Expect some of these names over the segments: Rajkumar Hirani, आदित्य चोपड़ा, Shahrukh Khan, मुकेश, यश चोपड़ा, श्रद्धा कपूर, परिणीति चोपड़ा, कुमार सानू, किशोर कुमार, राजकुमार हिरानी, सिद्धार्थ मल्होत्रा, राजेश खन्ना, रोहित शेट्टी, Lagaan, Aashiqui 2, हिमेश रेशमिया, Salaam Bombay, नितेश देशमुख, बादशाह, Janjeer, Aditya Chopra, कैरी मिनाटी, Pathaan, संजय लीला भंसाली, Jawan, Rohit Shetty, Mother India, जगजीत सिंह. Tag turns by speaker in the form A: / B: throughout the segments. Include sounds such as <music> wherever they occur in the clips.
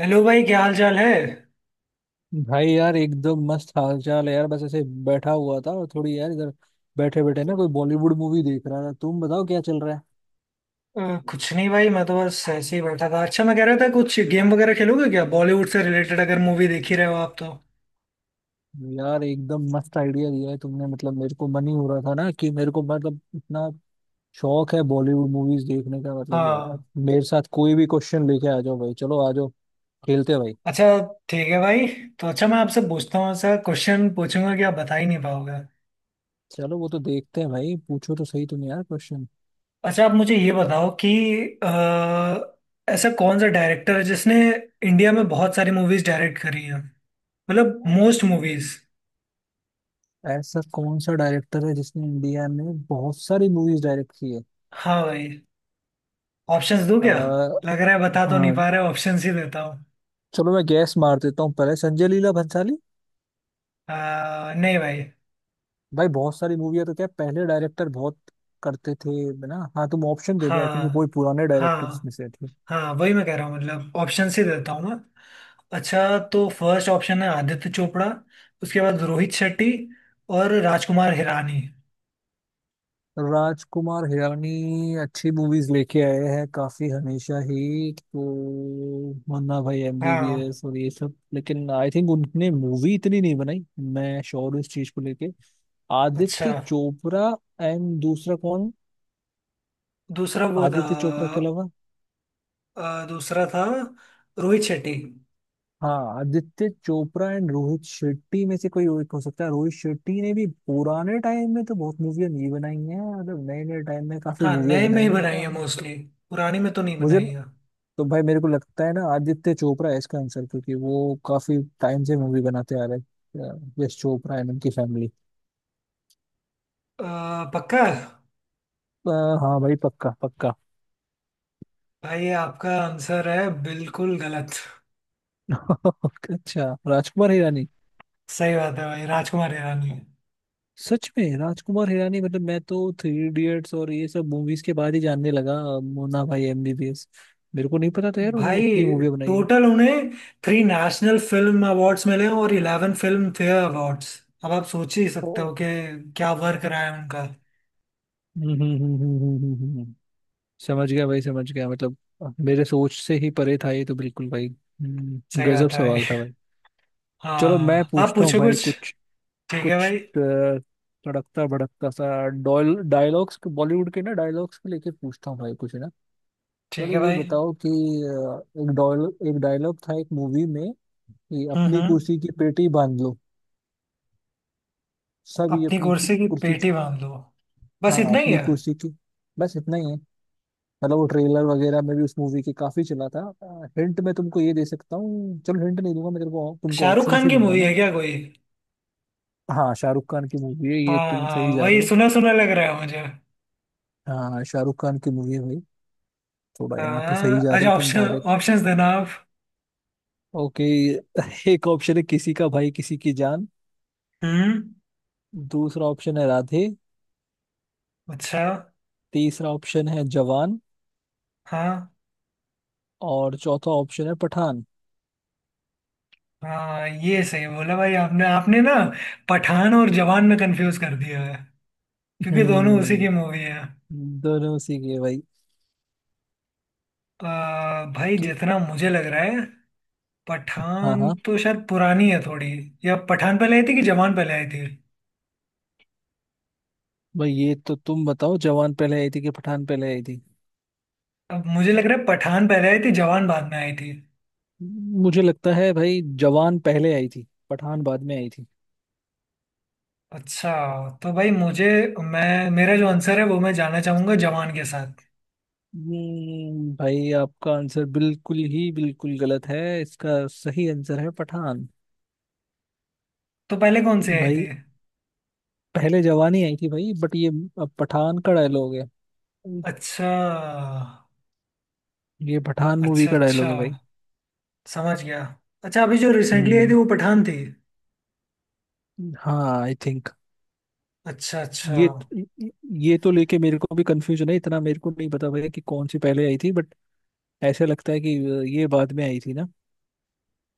A: Hello भाई, क्या हाल चाल है।
B: भाई यार, एकदम मस्त हाल चाल है यार। बस ऐसे बैठा हुआ था और थोड़ी यार इधर बैठे बैठे ना, कोई बॉलीवुड मूवी देख रहा था। तुम बताओ क्या चल रहा है।
A: अ, कुछ नहीं भाई, मैं तो बस ऐसे ही बैठा था। अच्छा, मैं कह रहा था कुछ गेम वगैरह खेलोगे क्या? बॉलीवुड से रिलेटेड, अगर मूवी देखी रहे हो आप तो।
B: यार एकदम मस्त आइडिया दिया है तुमने। मतलब मेरे को मन ही हो रहा था ना कि मेरे को, मतलब इतना शौक है बॉलीवुड मूवीज देखने का, मतलब यार।
A: हाँ।
B: मेरे साथ कोई भी क्वेश्चन लेके आ जाओ भाई। चलो आ जाओ, खेलते हैं भाई।
A: अच्छा, ठीक है भाई। तो अच्छा, मैं आपसे पूछता हूँ, ऐसा क्वेश्चन पूछूंगा कि आप बता ही नहीं पाओगे।
B: चलो वो तो देखते हैं भाई, पूछो तो सही तुम यार क्वेश्चन।
A: अच्छा, आप मुझे ये बताओ कि अ, ऐसा कौन सा डायरेक्टर है जिसने इंडिया में बहुत सारी मूवीज डायरेक्ट करी हैं, मतलब मोस्ट मूवीज।
B: ऐसा कौन सा डायरेक्टर है जिसने इंडिया में बहुत सारी मूवीज डायरेक्ट की है?
A: हाँ भाई। ऑप्शंस दूं
B: अ,
A: क्या? लग रहा है बता तो नहीं
B: हाँ।
A: पा रहे, ऑप्शंस ही देता हूँ।
B: चलो मैं गैस मार देता हूँ, पहले संजय लीला भंसाली।
A: नहीं भाई।
B: भाई बहुत सारी मूवी है तो क्या पहले डायरेक्टर बहुत करते थे ना? हाँ तुम ऑप्शन दे दो, आई थिंक ये
A: हाँ,
B: बहुत पुराने डायरेक्टर्स
A: हाँ,
B: में से थे।
A: हाँ, वही मैं कह रहा हूँ, मतलब ऑप्शन से देता हूँ मैं। अच्छा तो फर्स्ट ऑप्शन है आदित्य चोपड़ा, उसके बाद रोहित शेट्टी, और राजकुमार हिरानी।
B: राजकुमार हिरानी अच्छी मूवीज लेके आए हैं काफी, हमेशा ही तो। मन्ना भाई
A: हाँ।
B: एमबीबीएस और ये सब, लेकिन आई थिंक उनने मूवी इतनी नहीं बनाई। मैं श्योर हूँ इस चीज को लेके।
A: अच्छा।
B: आदित्य चोपड़ा एंड दूसरा कौन?
A: दूसरा वो था
B: आदित्य चोपड़ा के अलावा।
A: दूसरा था रोहित शेट्टी।
B: हाँ, आदित्य चोपड़ा एंड रोहित शेट्टी में से कोई एक हो सकता है। रोहित शेट्टी ने भी पुराने टाइम में तो बहुत मूवियाँ नहीं बनाई हैं, मतलब नए नए टाइम में काफी
A: हाँ,
B: मूवियाँ
A: नए में
B: बनाई
A: ही
B: हैं, तो
A: बनाई है मोस्टली, पुरानी में तो नहीं
B: मुझे
A: बनाई
B: न-
A: है।
B: तो भाई मेरे को लगता है ना आदित्य चोपड़ा है इसका आंसर, क्योंकि वो काफी टाइम से मूवी बनाते आ रहे हैं, यश चोपड़ा एंड उनकी फैमिली।
A: पक्का।
B: हाँ भाई, पक्का पक्का।
A: भाई आपका आंसर है बिल्कुल गलत।
B: <laughs> अच्छा, राजकुमार हिरानी।
A: सही बात है भाई, राजकुमार हिरानी।
B: सच में राजकुमार हिरानी, मतलब मैं तो थ्री इडियट्स और ये सब मूवीज के बाद ही जानने लगा। मोना भाई एमबीबीएस, मेरे को नहीं पता था यार उन्होंने
A: भाई,
B: इतनी मूवी बनाई है।
A: टोटल उन्हें थ्री नेशनल फिल्म अवार्ड्स मिले हैं और 11 फिल्म फेयर अवार्ड्स। अब आप सोच ही
B: ओ।
A: सकते हो कि क्या वर्क रहा है उनका।
B: हम्म, हम्म, हम्म, हम्म, समझ गया भाई, समझ गया, मतलब मेरे सोच से ही परे था ये तो बिल्कुल भाई।
A: सही
B: गजब
A: बात है भाई।
B: सवाल था भाई। चलो मैं
A: हाँ, आप
B: पूछता हूँ
A: पूछो
B: भाई
A: कुछ।
B: कुछ।
A: ठीक है
B: कुछ
A: भाई।
B: तड़कता भड़कता सा डॉल डायलॉग्स बॉलीवुड के ना, डायलॉग्स के लेके पूछता हूँ भाई कुछ ना।
A: ठीक है
B: चलो ये
A: भाई।
B: बताओ कि एक डायलॉग था एक मूवी में कि
A: हम्म,
B: अपनी
A: हम्म।
B: कुर्सी की पेटी बांध लो। सब ये
A: अपनी
B: अपनी
A: कुर्सी की
B: कुर्सी की।
A: पेटी बांध लो। बस
B: हाँ
A: इतना ही
B: अपनी
A: है।
B: कुर्सी की, बस इतना ही है। मतलब वो ट्रेलर वगैरह में भी उस मूवी के काफी चला था। हिंट मैं तुमको ये दे सकता हूँ। चलो हिंट नहीं दूंगा मैं तेरे को तुमको
A: शाहरुख
B: ऑप्शन
A: खान
B: ही
A: की
B: दूंगा
A: मूवी
B: ना।
A: है क्या कोई?
B: हाँ, शाहरुख खान की मूवी है ये,
A: हाँ,
B: तुम
A: हाँ,
B: सही जा
A: वही
B: रहे हो।
A: सुना सुना लग रहा है मुझे।
B: हाँ शाहरुख खान की मूवी है भाई। थोड़ा यहाँ तो
A: हाँ,
B: सही जा रहे
A: अच्छा।
B: हो तुम
A: ऑप्शन
B: डायरेक्ट।
A: ऑप्शंस देना आप।
B: ओके। <laughs> एक ऑप्शन है किसी का भाई किसी की जान।
A: हम्म।
B: दूसरा ऑप्शन है राधे।
A: अच्छा।
B: तीसरा ऑप्शन है जवान।
A: हाँ,
B: और चौथा ऑप्शन है पठान।
A: हाँ, ये सही बोला भाई आपने आपने ना पठान और जवान में कंफ्यूज कर दिया है, क्योंकि दोनों उसी की
B: हम्म।
A: मूवी है।
B: दोनों उसी की है भाई।
A: भाई
B: तो
A: जितना मुझे लग रहा है,
B: हाँ
A: पठान
B: हाँ,
A: तो शायद पुरानी है थोड़ी। या पठान पहले आई थी कि जवान पहले आई थी?
B: भाई ये तो तुम बताओ जवान पहले आई थी कि पठान पहले आई थी?
A: अब मुझे लग रहा है पठान पहले आई थी, जवान बाद में आई थी।
B: मुझे लगता है भाई जवान पहले आई थी, पठान बाद में आई थी।
A: अच्छा। तो भाई मुझे मैं मेरा जो आंसर है वो मैं जाना चाहूंगा जवान के साथ।
B: भाई आपका आंसर बिल्कुल ही बिल्कुल गलत है। इसका सही आंसर है पठान।
A: तो पहले कौन सी आई थी?
B: भाई पहले जवानी आई थी भाई, बट ये अब पठान का डायलॉग है।
A: अच्छा,
B: ये पठान मूवी
A: अच्छा,
B: का
A: अच्छा,
B: डायलॉग है भाई।
A: समझ गया। अच्छा, अभी जो रिसेंटली आई थी
B: हम्म,
A: वो पठान थी।
B: हाँ आई थिंक
A: अच्छा, अच्छा।
B: ये ये तो लेके मेरे को भी कंफ्यूजन है, इतना मेरे को नहीं पता भाई कि कौन सी पहले आई थी, बट ऐसे लगता है कि ये बाद में आई थी ना।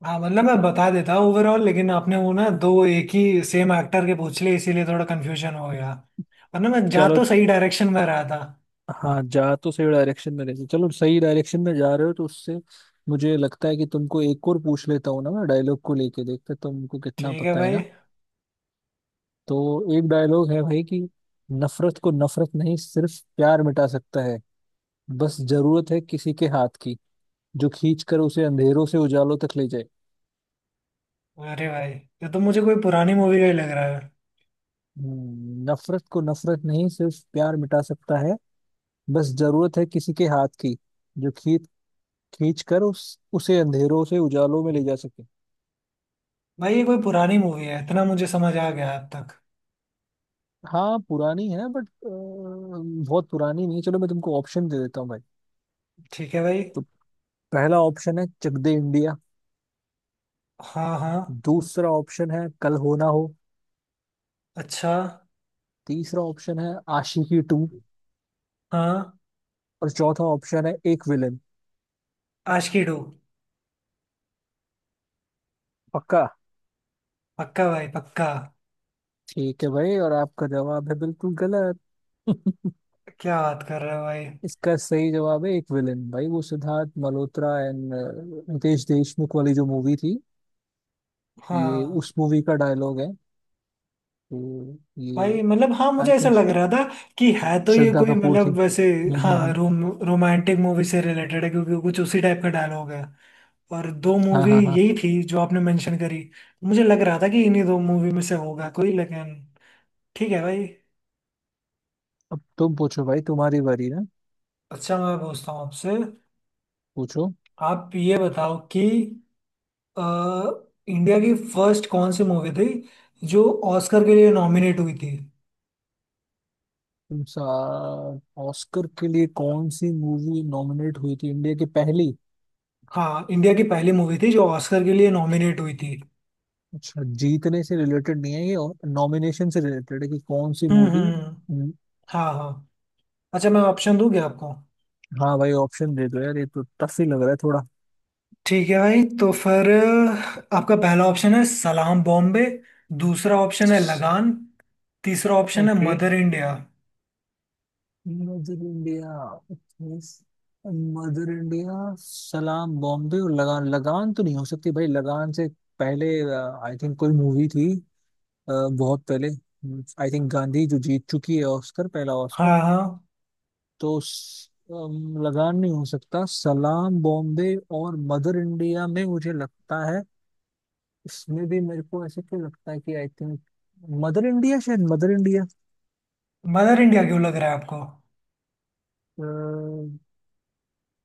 A: हाँ, मतलब मैं बता देता हूँ ओवरऑल, लेकिन आपने वो ना दो एक ही सेम एक्टर के पूछ लिए, इसीलिए थोड़ा कंफ्यूजन हो गया। वरना मैं जा
B: चलो।
A: तो सही डायरेक्शन में रहा था।
B: हाँ जा तो सही डायरेक्शन में रहे थे। चलो सही डायरेक्शन में जा रहे हो, तो उससे मुझे लगता है कि तुमको एक और पूछ लेता हूँ ना मैं, डायलॉग को लेके देखते तुमको कितना
A: ठीक है
B: पता है
A: भाई।
B: ना। तो एक डायलॉग है भाई कि नफरत को नफरत नहीं सिर्फ प्यार मिटा सकता है, बस जरूरत है किसी के हाथ की, जो खींच कर उसे अंधेरों से उजालों तक ले जाए।
A: अरे भाई, ये तो मुझे कोई पुरानी मूवी का ही लग रहा है।
B: नफरत को नफरत नहीं सिर्फ प्यार मिटा सकता है, बस जरूरत है किसी के हाथ की, जो खींच खींच कर उस उसे अंधेरों से उजालों में ले जा सके।
A: भाई, ये कोई पुरानी मूवी है, इतना मुझे समझ आ गया अब तक।
B: हाँ पुरानी है बट बहुत पुरानी नहीं है। चलो मैं तुमको ऑप्शन दे देता हूँ भाई।
A: ठीक है भाई।
B: तो पहला ऑप्शन है चक दे इंडिया।
A: हाँ, हाँ,
B: दूसरा ऑप्शन है कल हो ना हो।
A: अच्छा,
B: तीसरा ऑप्शन है आशिकी टू।
A: हाँ,
B: और चौथा ऑप्शन है एक विलन।
A: आशिकी टू।
B: पक्का?
A: पक्का भाई, पक्का।
B: ठीक है भाई, और आपका जवाब है बिल्कुल गलत। <laughs>
A: क्या बात कर रहे हो भाई?
B: इसका सही जवाब है एक विलन भाई, वो सिद्धार्थ मल्होत्रा एंड नितेश देशमुख वाली जो मूवी थी, ये
A: हाँ
B: उस मूवी का डायलॉग है। तो ये,
A: भाई, मतलब हाँ, मुझे
B: आई
A: ऐसा
B: थिंक,
A: लग रहा था कि है तो ये
B: श्रद्धा
A: कोई,
B: कपूर थी।
A: मतलब वैसे,
B: हम्म, हम्म,
A: हाँ,
B: हम्म।
A: रोमांटिक मूवी से रिलेटेड है, क्योंकि कुछ उसी टाइप का डायलॉग है। और दो
B: हाँ,
A: मूवी
B: हाँ, हाँ।
A: यही थी जो आपने मेंशन करी। मुझे लग रहा था कि इन्हीं दो मूवी में से होगा कोई, लेकिन ठीक है भाई।
B: अब तुम पूछो भाई, तुम्हारी बारी ना।
A: अच्छा, मैं पूछता हूँ आपसे।
B: पूछो।
A: आप ये बताओ कि अ, इंडिया की फर्स्ट कौन सी मूवी थी जो ऑस्कर के लिए नॉमिनेट हुई थी?
B: तुम सा ऑस्कर के लिए कौन सी मूवी नॉमिनेट हुई थी, इंडिया की पहली?
A: हाँ, इंडिया की पहली मूवी थी जो ऑस्कर के लिए नॉमिनेट हुई थी।
B: अच्छा, जीतने से रिलेटेड नहीं है ये और नॉमिनेशन से रिलेटेड है कि कौन सी
A: हम्म,
B: मूवी?
A: हम्म। हाँ, हाँ। अच्छा, मैं ऑप्शन दूं क्या आपको?
B: हाँ भाई ऑप्शन दे दो यार, ये तो टफ ही लग रहा है थोड़ा।
A: ठीक है भाई। तो फिर आपका पहला ऑप्शन है सलाम बॉम्बे, दूसरा ऑप्शन है लगान, तीसरा ऑप्शन है
B: okay.
A: Mother India.
B: Mother India, mother India, Salaam Bombay और लगान। लगान तो नहीं हो सकती भाई, लगान से पहले आई थिंक कोई मूवी थी अ, बहुत पहले। आई थिंक गांधी जो जीत चुकी है ऑस्कर, पहला ऑस्कर।
A: हाँ, हाँ।
B: तो लगान नहीं हो सकता, सलाम बॉम्बे और मदर इंडिया में मुझे लगता है, इसमें भी मेरे को ऐसे क्यों लगता है कि आई थिंक मदर इंडिया, शायद मदर इंडिया।
A: मदर इंडिया क्यों लग रहा है आपको?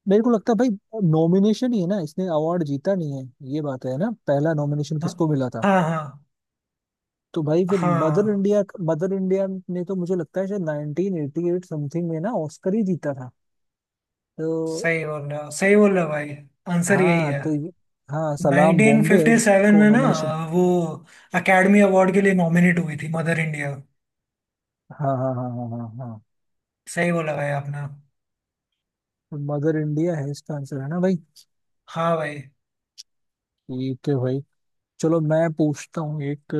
B: मेरे को लगता है भाई नॉमिनेशन ही है ना, इसने अवार्ड जीता नहीं है, ये बात है ना? पहला नॉमिनेशन
A: हाँ,
B: किसको मिला था?
A: हाँ,
B: तो भाई फिर
A: हाँ,
B: मदर
A: हाँ,
B: इंडिया। मदर इंडिया ने तो मुझे लगता है शायद 1988 समथिंग में ना ऑस्कर ही जीता था। तो
A: सही बोल रहे हो, सही बोल रहे हो भाई, आंसर यही
B: हाँ
A: है।
B: तो हाँ सलाम बॉम्बे है
A: 1957
B: जिसको
A: में ना
B: नॉमिनेशन।
A: वो एकेडमी अवार्ड के लिए नॉमिनेट हुई थी, मदर इंडिया।
B: हाँ, हाँ, हाँ, हाँ, हाँ, हाँ।
A: सही बोला भाई आपने।
B: मदर इंडिया है इसका आंसर है ना भाई?
A: हाँ भाई।
B: ठीक है भाई। चलो मैं पूछता हूँ एक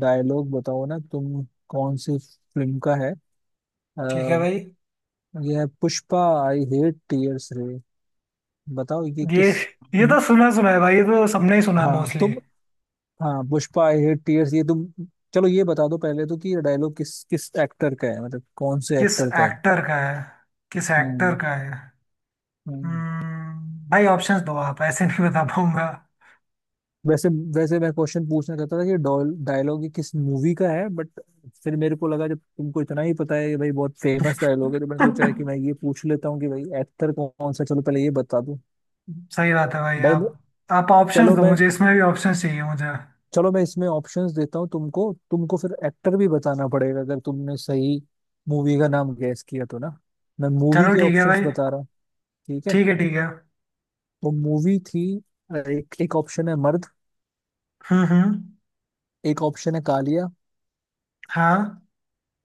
B: डायलॉग, बताओ ना तुम कौन सी फिल्म का है।
A: ठीक
B: अ,
A: है भाई।
B: ये है पुष्पा, आई हेट टीयर्स रे। बताओ ये
A: ये
B: किस।
A: ये तो सुना सुना है भाई, ये तो सबने ही सुना है
B: हाँ
A: मोस्टली।
B: तुम। हाँ पुष्पा, आई हेट टीयर्स, ये तुम। चलो ये बता दो पहले तो कि ये डायलॉग किस किस एक्टर का है, मतलब कौन से
A: किस
B: एक्टर का है।
A: एक्टर का है? किस एक्टर
B: हम्म,
A: का है?
B: हम्म।
A: भाई ऑप्शंस दो, आप ऐसे नहीं बता पाऊंगा।
B: वैसे वैसे मैं क्वेश्चन पूछना चाहता था कि डायलॉग ये किस मूवी का है, बट फिर मेरे को लगा जब तुमको इतना ही पता है कि भाई बहुत फेमस डायलॉग है, तो मैंने सोचा है कि मैं ये
A: <laughs>
B: पूछ लेता हूँ कि भाई एक्टर कौन सा है। चलो पहले ये बता दो।
A: सही बात है भाई।
B: भाई मैं-
A: आप ऑप्शंस
B: चलो
A: दो
B: मैं
A: मुझे, इसमें भी ऑप्शंस चाहिए मुझे।
B: चलो मैं इसमें ऑप्शंस देता हूँ तुमको, तुमको फिर एक्टर भी बताना पड़ेगा अगर तुमने सही मूवी का नाम गैस किया तो ना। मैं मूवी
A: चलो
B: के
A: ठीक है
B: ऑप्शंस
A: भाई।
B: बता रहा हूँ। ठीक है।
A: ठीक है, ठीक है।
B: वो मूवी थी, एक एक ऑप्शन है मर्द।
A: हम्म, हम्म।
B: एक ऑप्शन है कालिया।
A: हाँ,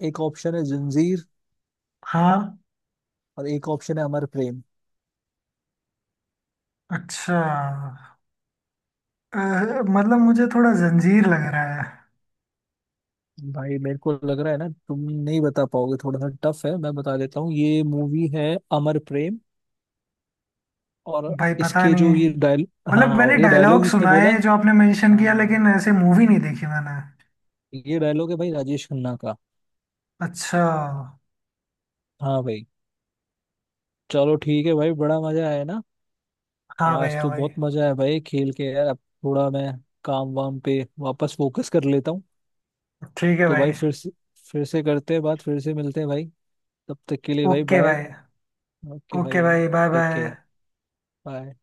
B: एक ऑप्शन है जंजीर।
A: हाँ।
B: और एक ऑप्शन है अमर प्रेम।
A: अच्छा, अ, मतलब मुझे थोड़ा जंजीर लग रहा है।
B: भाई मेरे को लग रहा है ना तुम नहीं बता पाओगे, थोड़ा सा टफ है। मैं बता देता हूँ ये मूवी है अमर प्रेम। और
A: भाई, पता
B: इसके
A: नहीं,
B: जो ये डायल
A: मतलब
B: हाँ,
A: मैंने
B: और ये डायलॉग
A: डायलॉग
B: जिसने
A: सुना
B: बोला,
A: है जो आपने मेंशन किया,
B: हाँ,
A: लेकिन ऐसे मूवी नहीं देखी मैंने।
B: ये डायलॉग है भाई राजेश खन्ना का।
A: अच्छा।
B: हाँ भाई। चलो ठीक है भाई, बड़ा मजा आया ना।
A: हाँ
B: आज
A: भैया
B: तो
A: भाई।
B: बहुत मजा आया भाई खेल के यार। अब थोड़ा मैं काम वाम पे वापस फोकस कर लेता हूँ।
A: ठीक है
B: तो
A: भाई।
B: भाई फिर से करते हैं बात, फिर से मिलते हैं भाई। तब तक के लिए भाई
A: ओके
B: बाय।
A: भाई।
B: ओके भाई
A: ओके
B: बाय।
A: भाई, bye
B: take
A: bye.
B: Care. Bye.